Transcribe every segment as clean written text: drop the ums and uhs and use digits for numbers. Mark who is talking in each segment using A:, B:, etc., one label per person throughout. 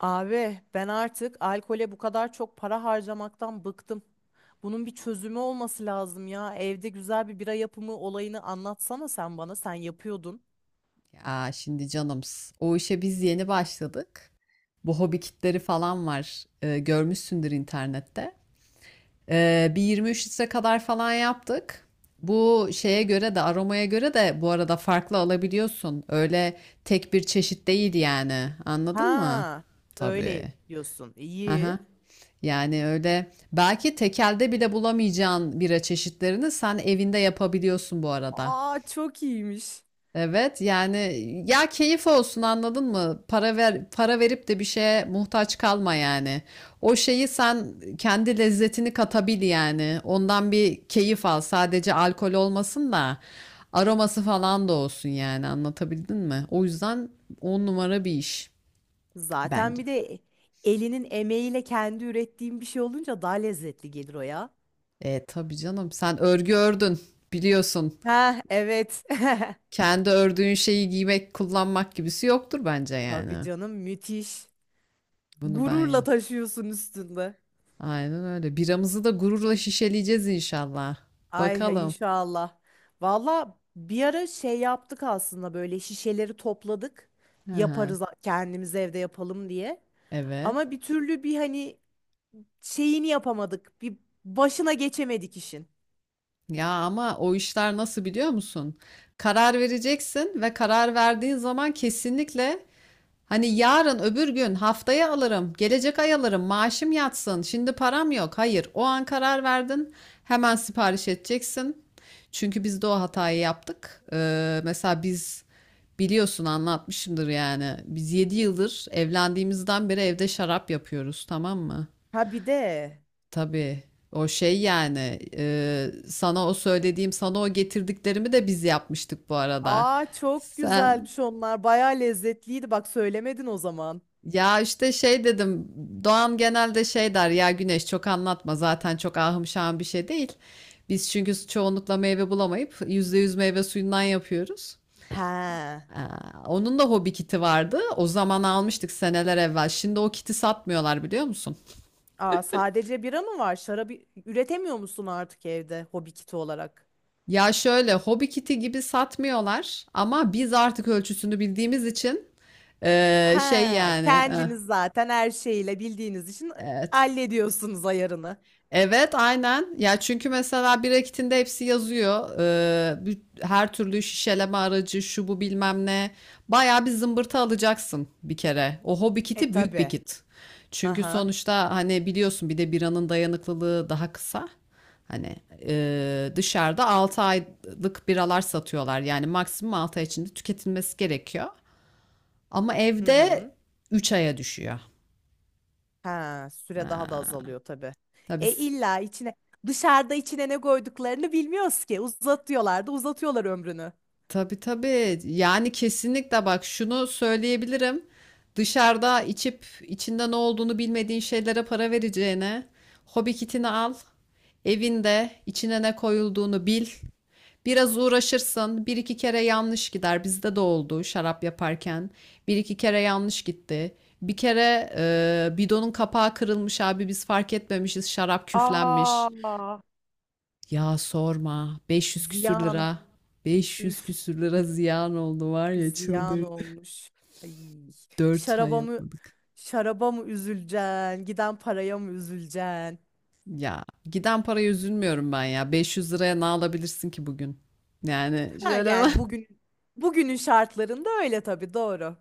A: Abi ben artık alkole bu kadar çok para harcamaktan bıktım. Bunun bir çözümü olması lazım ya. Evde güzel bir bira yapımı olayını anlatsana sen bana. Sen yapıyordun.
B: Aa, şimdi canımız. O işe biz yeni başladık. Bu hobi kitleri falan var. Görmüşsündür internette. Bir 23 litre kadar falan yaptık. Bu şeye göre de aromaya göre de bu arada farklı alabiliyorsun. Öyle tek bir çeşit değil yani. Anladın mı?
A: Ha,
B: Tabii.
A: öyle diyorsun.
B: Aha.
A: İyi.
B: Yani öyle belki tekelde bile bulamayacağın bira çeşitlerini sen evinde yapabiliyorsun bu arada.
A: Aa çok iyiymiş.
B: Evet yani ya keyif olsun anladın mı? Para verip de bir şeye muhtaç kalma yani. O şeyi sen kendi lezzetini katabil yani. Ondan bir keyif al. Sadece alkol olmasın da aroması falan da olsun yani. Anlatabildim mi? O yüzden on numara bir iş
A: Zaten
B: bence.
A: bir de elinin emeğiyle kendi ürettiğim bir şey olunca daha lezzetli gelir o ya.
B: E tabii canım sen örgü ördün biliyorsun.
A: Ha evet.
B: Kendi ördüğün şeyi giymek, kullanmak gibisi yoktur bence
A: Tabii
B: yani.
A: canım müthiş.
B: Bunu ben
A: Gururla
B: ya.
A: taşıyorsun üstünde.
B: Aynen öyle. Biramızı da gururla şişeleyeceğiz inşallah.
A: Ay
B: Bakalım.
A: inşallah. Valla bir ara şey yaptık aslında böyle şişeleri topladık.
B: Hı hı.
A: Yaparız kendimiz evde yapalım diye.
B: Evet.
A: Ama bir türlü bir hani şeyini yapamadık. Bir başına geçemedik işin.
B: Ya ama o işler nasıl biliyor musun? Karar vereceksin ve karar verdiğin zaman kesinlikle. Hani yarın öbür gün haftaya alırım, gelecek ay alırım, maaşım yatsın, şimdi param yok. Hayır, o an karar verdin, hemen sipariş edeceksin. Çünkü biz de o hatayı yaptık. Mesela biz biliyorsun anlatmışımdır yani. Biz 7 yıldır evlendiğimizden beri evde şarap yapıyoruz, tamam mı?
A: Ha bir de.
B: Tabii. O şey yani sana o söylediğim, sana o getirdiklerimi de biz yapmıştık bu arada.
A: Aa çok
B: Sen.
A: güzelmiş onlar. Baya lezzetliydi. Bak söylemedin o zaman.
B: Ya işte şey dedim. Doğan genelde şey der ya, Güneş çok anlatma zaten çok ahım şahım bir şey değil. Biz çünkü çoğunlukla meyve bulamayıp %100 meyve suyundan yapıyoruz.
A: He.
B: Aa, onun da hobi kiti vardı. O zaman almıştık seneler evvel. Şimdi o kiti satmıyorlar biliyor musun?
A: Aa sadece bira mı var? Şarabı üretemiyor musun artık evde hobi kiti olarak?
B: Ya şöyle hobi kiti gibi satmıyorlar ama biz artık ölçüsünü bildiğimiz için şey
A: Ha,
B: yani,
A: kendiniz zaten her şeyiyle bildiğiniz için
B: evet.
A: hallediyorsunuz ayarını.
B: Evet, aynen. Ya çünkü mesela bir rakitinde hepsi yazıyor. Her türlü şişeleme aracı, şu bu bilmem ne. Bayağı bir zımbırtı alacaksın bir kere. O hobi
A: E
B: kiti büyük bir
A: tabi.
B: kit. Çünkü
A: Aha.
B: sonuçta hani biliyorsun bir de biranın dayanıklılığı daha kısa. Hani dışarıda 6 aylık biralar satıyorlar. Yani maksimum 6 ay içinde tüketilmesi gerekiyor. Ama
A: Hı hı.
B: evde 3 aya düşüyor.
A: Ha, süre daha da
B: Ha,
A: azalıyor tabi.
B: tabii.
A: E illa içine Dışarıda içine ne koyduklarını bilmiyoruz ki. Uzatıyorlar da uzatıyorlar ömrünü.
B: Tabii tabii. Yani kesinlikle bak şunu söyleyebilirim. Dışarıda içip içinde ne olduğunu bilmediğin şeylere para vereceğine hobi kitini al. Evinde içine ne koyulduğunu bil. Biraz uğraşırsın. Bir iki kere yanlış gider. Bizde de oldu şarap yaparken. Bir iki kere yanlış gitti. Bir kere bidonun kapağı kırılmış abi biz fark etmemişiz şarap küflenmiş.
A: Aa.
B: Ya sorma. 500 küsür
A: Ziyan.
B: lira. 500
A: Üf,
B: küsür lira ziyan oldu var ya
A: ziyan
B: çıldırdı.
A: olmuş. Ay,
B: 4 ay
A: şaraba mı
B: yapmadık.
A: şaraba mı üzüleceksin? Giden paraya mı üzüleceksin?
B: Ya giden paraya üzülmüyorum ben ya. 500 liraya ne alabilirsin ki bugün? Yani
A: Ha,
B: şöyle bak.
A: yani bugünün şartlarında öyle tabii doğru.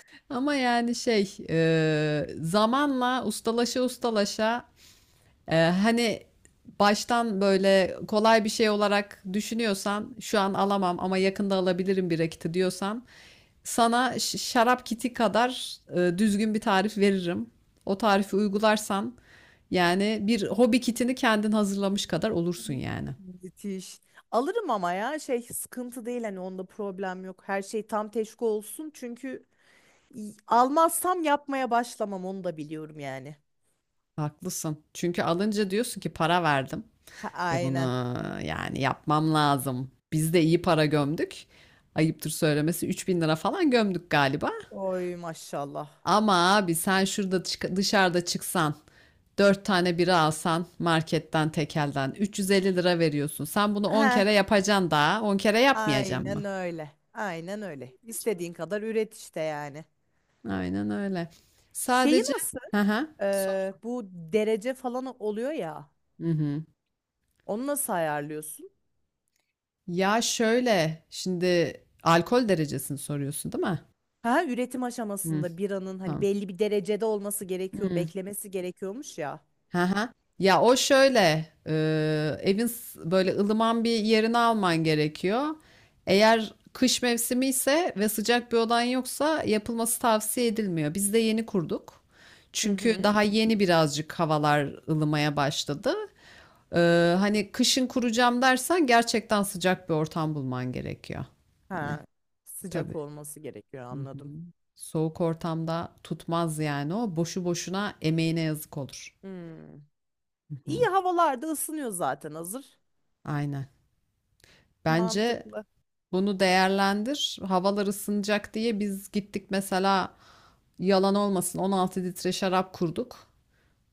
B: Ama yani şey zamanla ustalaşa ustalaşa, hani baştan böyle kolay bir şey olarak düşünüyorsan şu an alamam ama yakında alabilirim bir rakiti diyorsan. Sana şarap kiti kadar düzgün bir tarif veririm. O tarifi uygularsan yani bir hobi kitini kendin hazırlamış kadar olursun yani.
A: Müthiş. Alırım ama ya şey sıkıntı değil hani onda problem yok. Her şey tam teşvik olsun çünkü almazsam yapmaya başlamam onu da biliyorum yani.
B: Haklısın. Çünkü alınca diyorsun ki para verdim.
A: Ha,
B: E bunu
A: aynen.
B: yani yapmam lazım. Biz de iyi para gömdük. Ayıptır söylemesi 3.000 lira falan gömdük galiba.
A: Oy maşallah.
B: Ama abi sen şurada dışarıda çıksan. 4 tane bira alsan marketten tekelden 350 lira veriyorsun. Sen bunu 10 kere
A: Ha,
B: yapacaksın daha. 10 kere yapmayacaksın mı?
A: aynen öyle. Aynen öyle.
B: Yapacağım.
A: İstediğin kadar üret işte yani.
B: Aynen öyle.
A: Şeyi
B: Sadece
A: nasıl?
B: hı hı. Sor.
A: Bu derece falan oluyor ya.
B: Hı hı.
A: Onu nasıl ayarlıyorsun?
B: Ya şöyle şimdi alkol derecesini soruyorsun değil mi?
A: Ha, üretim
B: Hı,
A: aşamasında biranın hani
B: tamam.
A: belli bir derecede olması gerekiyor,
B: Hı.
A: beklemesi gerekiyormuş ya.
B: Hı hı. Ya o şöyle, evin böyle ılıman bir yerini alman gerekiyor. Eğer kış mevsimi ise ve sıcak bir odan yoksa yapılması tavsiye edilmiyor. Biz de yeni kurduk.
A: Hı
B: Çünkü
A: hı.
B: daha yeni birazcık havalar ılımaya başladı. E, hani kışın kuracağım dersen gerçekten sıcak bir ortam bulman gerekiyor. Hani
A: Ha,
B: tabii.
A: sıcak olması gerekiyor
B: Hı hı.
A: anladım.
B: Soğuk ortamda tutmaz yani o. Boşu boşuna emeğine yazık olur.
A: Hmm.
B: Hı
A: İyi
B: hı.
A: havalarda ısınıyor zaten hazır.
B: Aynen. Bence
A: Mantıklı.
B: bunu değerlendir. Havalar ısınacak diye biz gittik mesela yalan olmasın 16 litre şarap kurduk.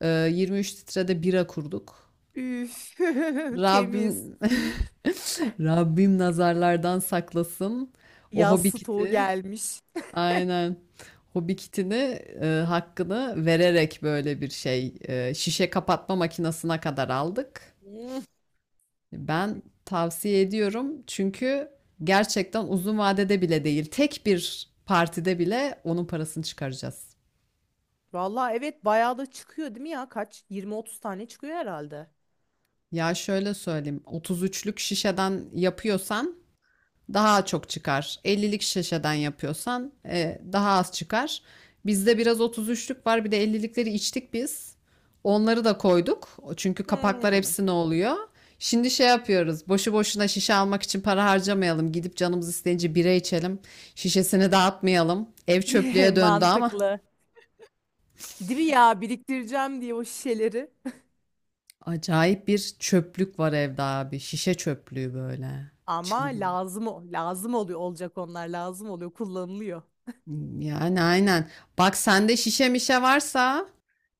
B: 23 litre de bira kurduk.
A: Üf, temiz.
B: Rabbim Rabbim nazarlardan saklasın. O
A: Yaz
B: hobi
A: stoğu
B: kiti
A: gelmiş.
B: aynen hobi kitini hakkını vererek böyle bir şey, şişe kapatma makinesine kadar aldık.
A: Hmm.
B: Ben tavsiye ediyorum çünkü gerçekten uzun vadede bile değil, tek bir partide bile onun parasını çıkaracağız.
A: Vallahi evet bayağı da çıkıyor değil mi ya? Kaç? 20-30 tane çıkıyor herhalde.
B: Ya şöyle söyleyeyim, 33'lük şişeden yapıyorsan daha çok çıkar. 50'lik şişeden yapıyorsan daha az çıkar. Bizde biraz 33'lük var. Bir de 50'likleri içtik biz. Onları da koyduk. Çünkü kapaklar
A: Hmm.
B: hepsine oluyor. Şimdi şey yapıyoruz. Boşu boşuna şişe almak için para harcamayalım. Gidip canımız isteyince bira içelim. Şişesini dağıtmayalım. Ev çöplüğe döndü ama
A: Mantıklı. Değil mi ya? Biriktireceğim diye o şişeleri.
B: acayip bir çöplük var evde abi. Şişe çöplüğü böyle.
A: Ama
B: Çılgın.
A: lazım lazım oluyor olacak onlar lazım oluyor kullanılıyor.
B: Yani aynen. Bak sende şişe mişe varsa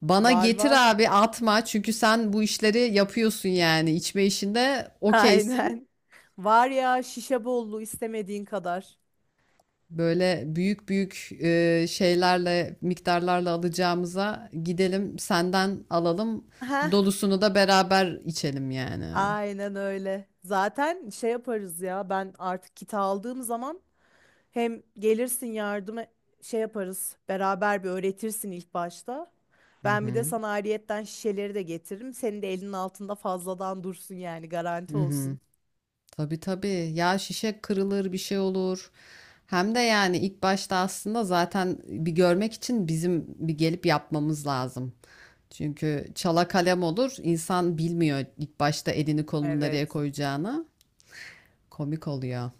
B: bana
A: Var
B: getir
A: var.
B: abi atma. Çünkü sen bu işleri yapıyorsun yani. İçme işinde okeysin.
A: Aynen. Var ya şişe bollu istemediğin kadar.
B: Böyle büyük büyük şeylerle, miktarlarla alacağımıza gidelim senden alalım.
A: Heh,
B: Dolusunu da beraber içelim yani.
A: aynen öyle. Zaten şey yaparız ya ben artık kiti aldığım zaman hem gelirsin yardıma şey yaparız beraber bir öğretirsin ilk başta.
B: Hı
A: Ben bir de
B: hı.
A: sana ayrıyetten şişeleri de getiririm. Senin de elinin altında fazladan dursun yani garanti
B: Hı hı.
A: olsun.
B: Tabii tabii. Ya şişe kırılır bir şey olur. Hem de yani ilk başta aslında zaten bir görmek için bizim bir gelip yapmamız lazım. Çünkü çala kalem olur. İnsan bilmiyor ilk başta elini kolunu nereye
A: Evet.
B: koyacağını. Komik oluyor.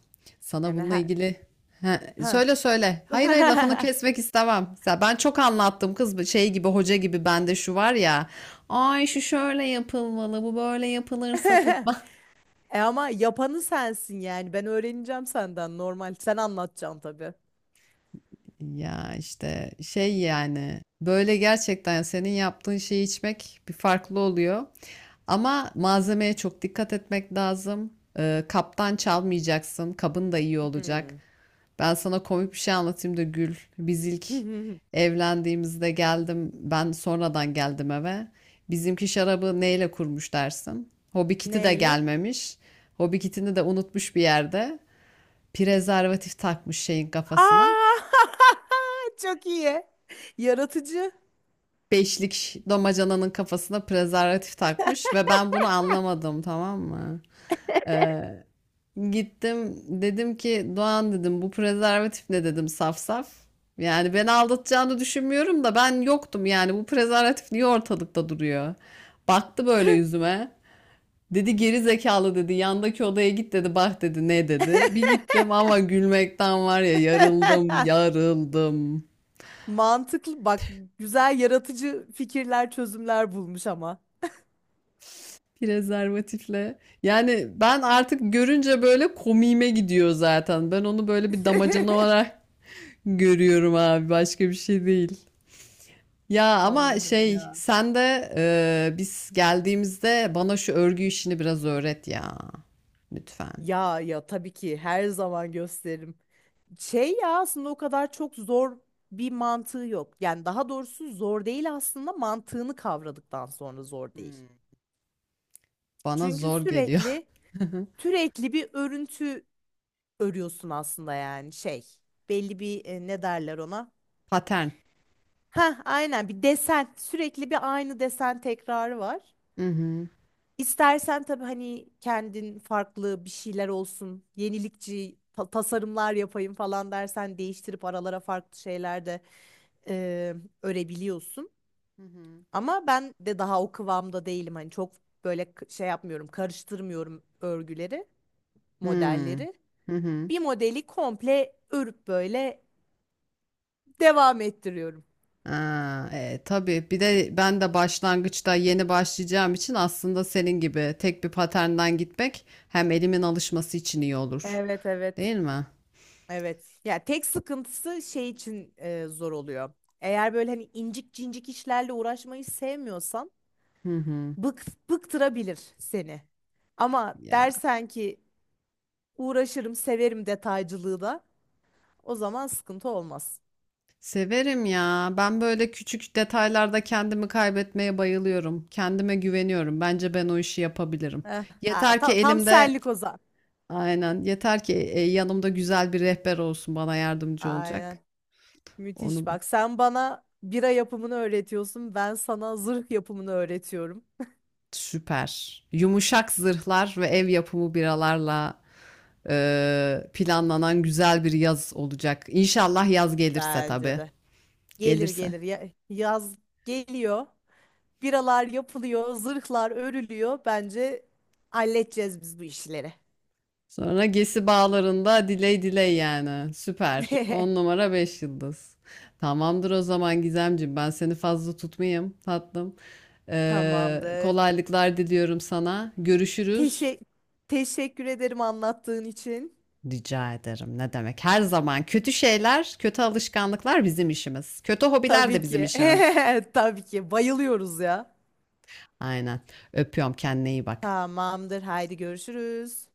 B: Sana
A: Yani
B: bununla
A: her...
B: ilgili. He,
A: Heh.
B: söyle söyle. Hayır hayır lafını kesmek istemem. Ya ben çok anlattım kız, şey gibi, hoca gibi bende şu var ya. Ay şu şöyle yapılmalı, bu böyle yapılırsa tut.
A: E ama yapanı sensin yani. Ben öğreneceğim senden normal. Sen anlatacaksın tabii.
B: Ya işte şey yani böyle gerçekten senin yaptığın şeyi içmek bir farklı oluyor. Ama malzemeye çok dikkat etmek lazım. Kaptan çalmayacaksın. Kabın da iyi olacak. Ben sana komik bir şey anlatayım da gül. Biz ilk
A: Hmm.
B: evlendiğimizde geldim. Ben sonradan geldim eve. Bizimki şarabı neyle kurmuş dersin? Hobi kiti de
A: Neyle?
B: gelmemiş. Hobi kitini de unutmuş bir yerde. Prezervatif takmış şeyin kafasına.
A: Aa! Çok iyi. Yaratıcı,
B: Beşlik damacananın kafasına prezervatif takmış ve ben bunu anlamadım tamam mı? Ee, gittim dedim ki Doğan, dedim bu prezervatif ne dedim, saf saf. Yani beni aldatacağını düşünmüyorum da ben yoktum yani bu prezervatif niye ortalıkta duruyor? Baktı böyle yüzüme. Dedi geri zekalı, dedi yandaki odaya git, dedi bak, dedi ne dedi. Bir gittim ama gülmekten var ya yarıldım yarıldım.
A: mantıklı. Bak güzel yaratıcı fikirler, çözümler bulmuş ama.
B: Prezervatifle. Yani ben artık görünce böyle komiğime gidiyor zaten. Ben onu böyle bir damacana olarak görüyorum abi. Başka bir şey değil. Ya ama
A: Allah'ım
B: şey
A: ya.
B: sen de biz geldiğimizde bana şu örgü işini biraz öğret ya. Lütfen.
A: Ya ya tabii ki her zaman gösteririm. Şey ya aslında o kadar çok zor bir mantığı yok. Yani daha doğrusu zor değil aslında mantığını kavradıktan sonra zor değil.
B: Hmm. Bana
A: Çünkü
B: zor geliyor.
A: sürekli Sürekli bir örüntü örüyorsun aslında yani şey. Belli bir ne derler ona?
B: Patern.
A: Ha, aynen bir desen sürekli bir aynı desen tekrarı var.
B: Hı hı.
A: İstersen tabii hani kendin farklı bir şeyler olsun, yenilikçi tasarımlar yapayım falan dersen değiştirip aralara farklı şeyler de e, örebiliyorsun.
B: Hı hı.
A: Ama ben de daha o kıvamda değilim hani çok böyle şey yapmıyorum, karıştırmıyorum örgüleri,
B: Hmm.
A: modelleri
B: Hı hı.
A: bir modeli komple örüp böyle devam ettiriyorum.
B: Ha, tabii bir de ben de başlangıçta yeni başlayacağım için aslında senin gibi tek bir paternden gitmek hem elimin alışması için iyi olur.
A: Evet evet.
B: Değil mi?
A: Evet. Ya tek sıkıntısı şey için zor oluyor. Eğer böyle hani incik cincik işlerle uğraşmayı sevmiyorsan
B: Hı hı.
A: bıktırabilir seni. Ama
B: Ya
A: dersen ki uğraşırım, severim detaycılığı da o zaman sıkıntı olmaz.
B: severim ya. Ben böyle küçük detaylarda kendimi kaybetmeye bayılıyorum. Kendime güveniyorum. Bence ben o işi yapabilirim. Yeter ki
A: Tam
B: elimde,
A: senlik o zaman.
B: aynen, yeter ki yanımda güzel bir rehber olsun bana yardımcı olacak.
A: Aynen.
B: Onu.
A: Müthiş bak. Sen bana bira yapımını öğretiyorsun. Ben sana zırh yapımını öğretiyorum.
B: Süper. Yumuşak zırhlar ve ev yapımı biralarla planlanan güzel bir yaz olacak. İnşallah yaz gelirse
A: Bence
B: tabii.
A: de. Gelir
B: Gelirse.
A: gelir. Yaz geliyor. Biralar yapılıyor, zırhlar örülüyor. Bence halledeceğiz biz bu işleri.
B: Sonra Gesi Bağları'nda diley diley yani. Süper. 10 numara 5 yıldız. Tamamdır o zaman Gizemciğim. Ben seni fazla tutmayayım tatlım. E,
A: Tamamdır.
B: kolaylıklar diliyorum sana. Görüşürüz.
A: Teşe teşekkür ederim anlattığın için.
B: Rica ederim. Ne demek? Her zaman kötü şeyler, kötü alışkanlıklar bizim işimiz. Kötü hobiler de
A: Tabii
B: bizim
A: ki.
B: işimiz.
A: Tabii ki. Bayılıyoruz ya.
B: Aynen. Öpüyorum. Kendine iyi bak.
A: Tamamdır. Haydi görüşürüz.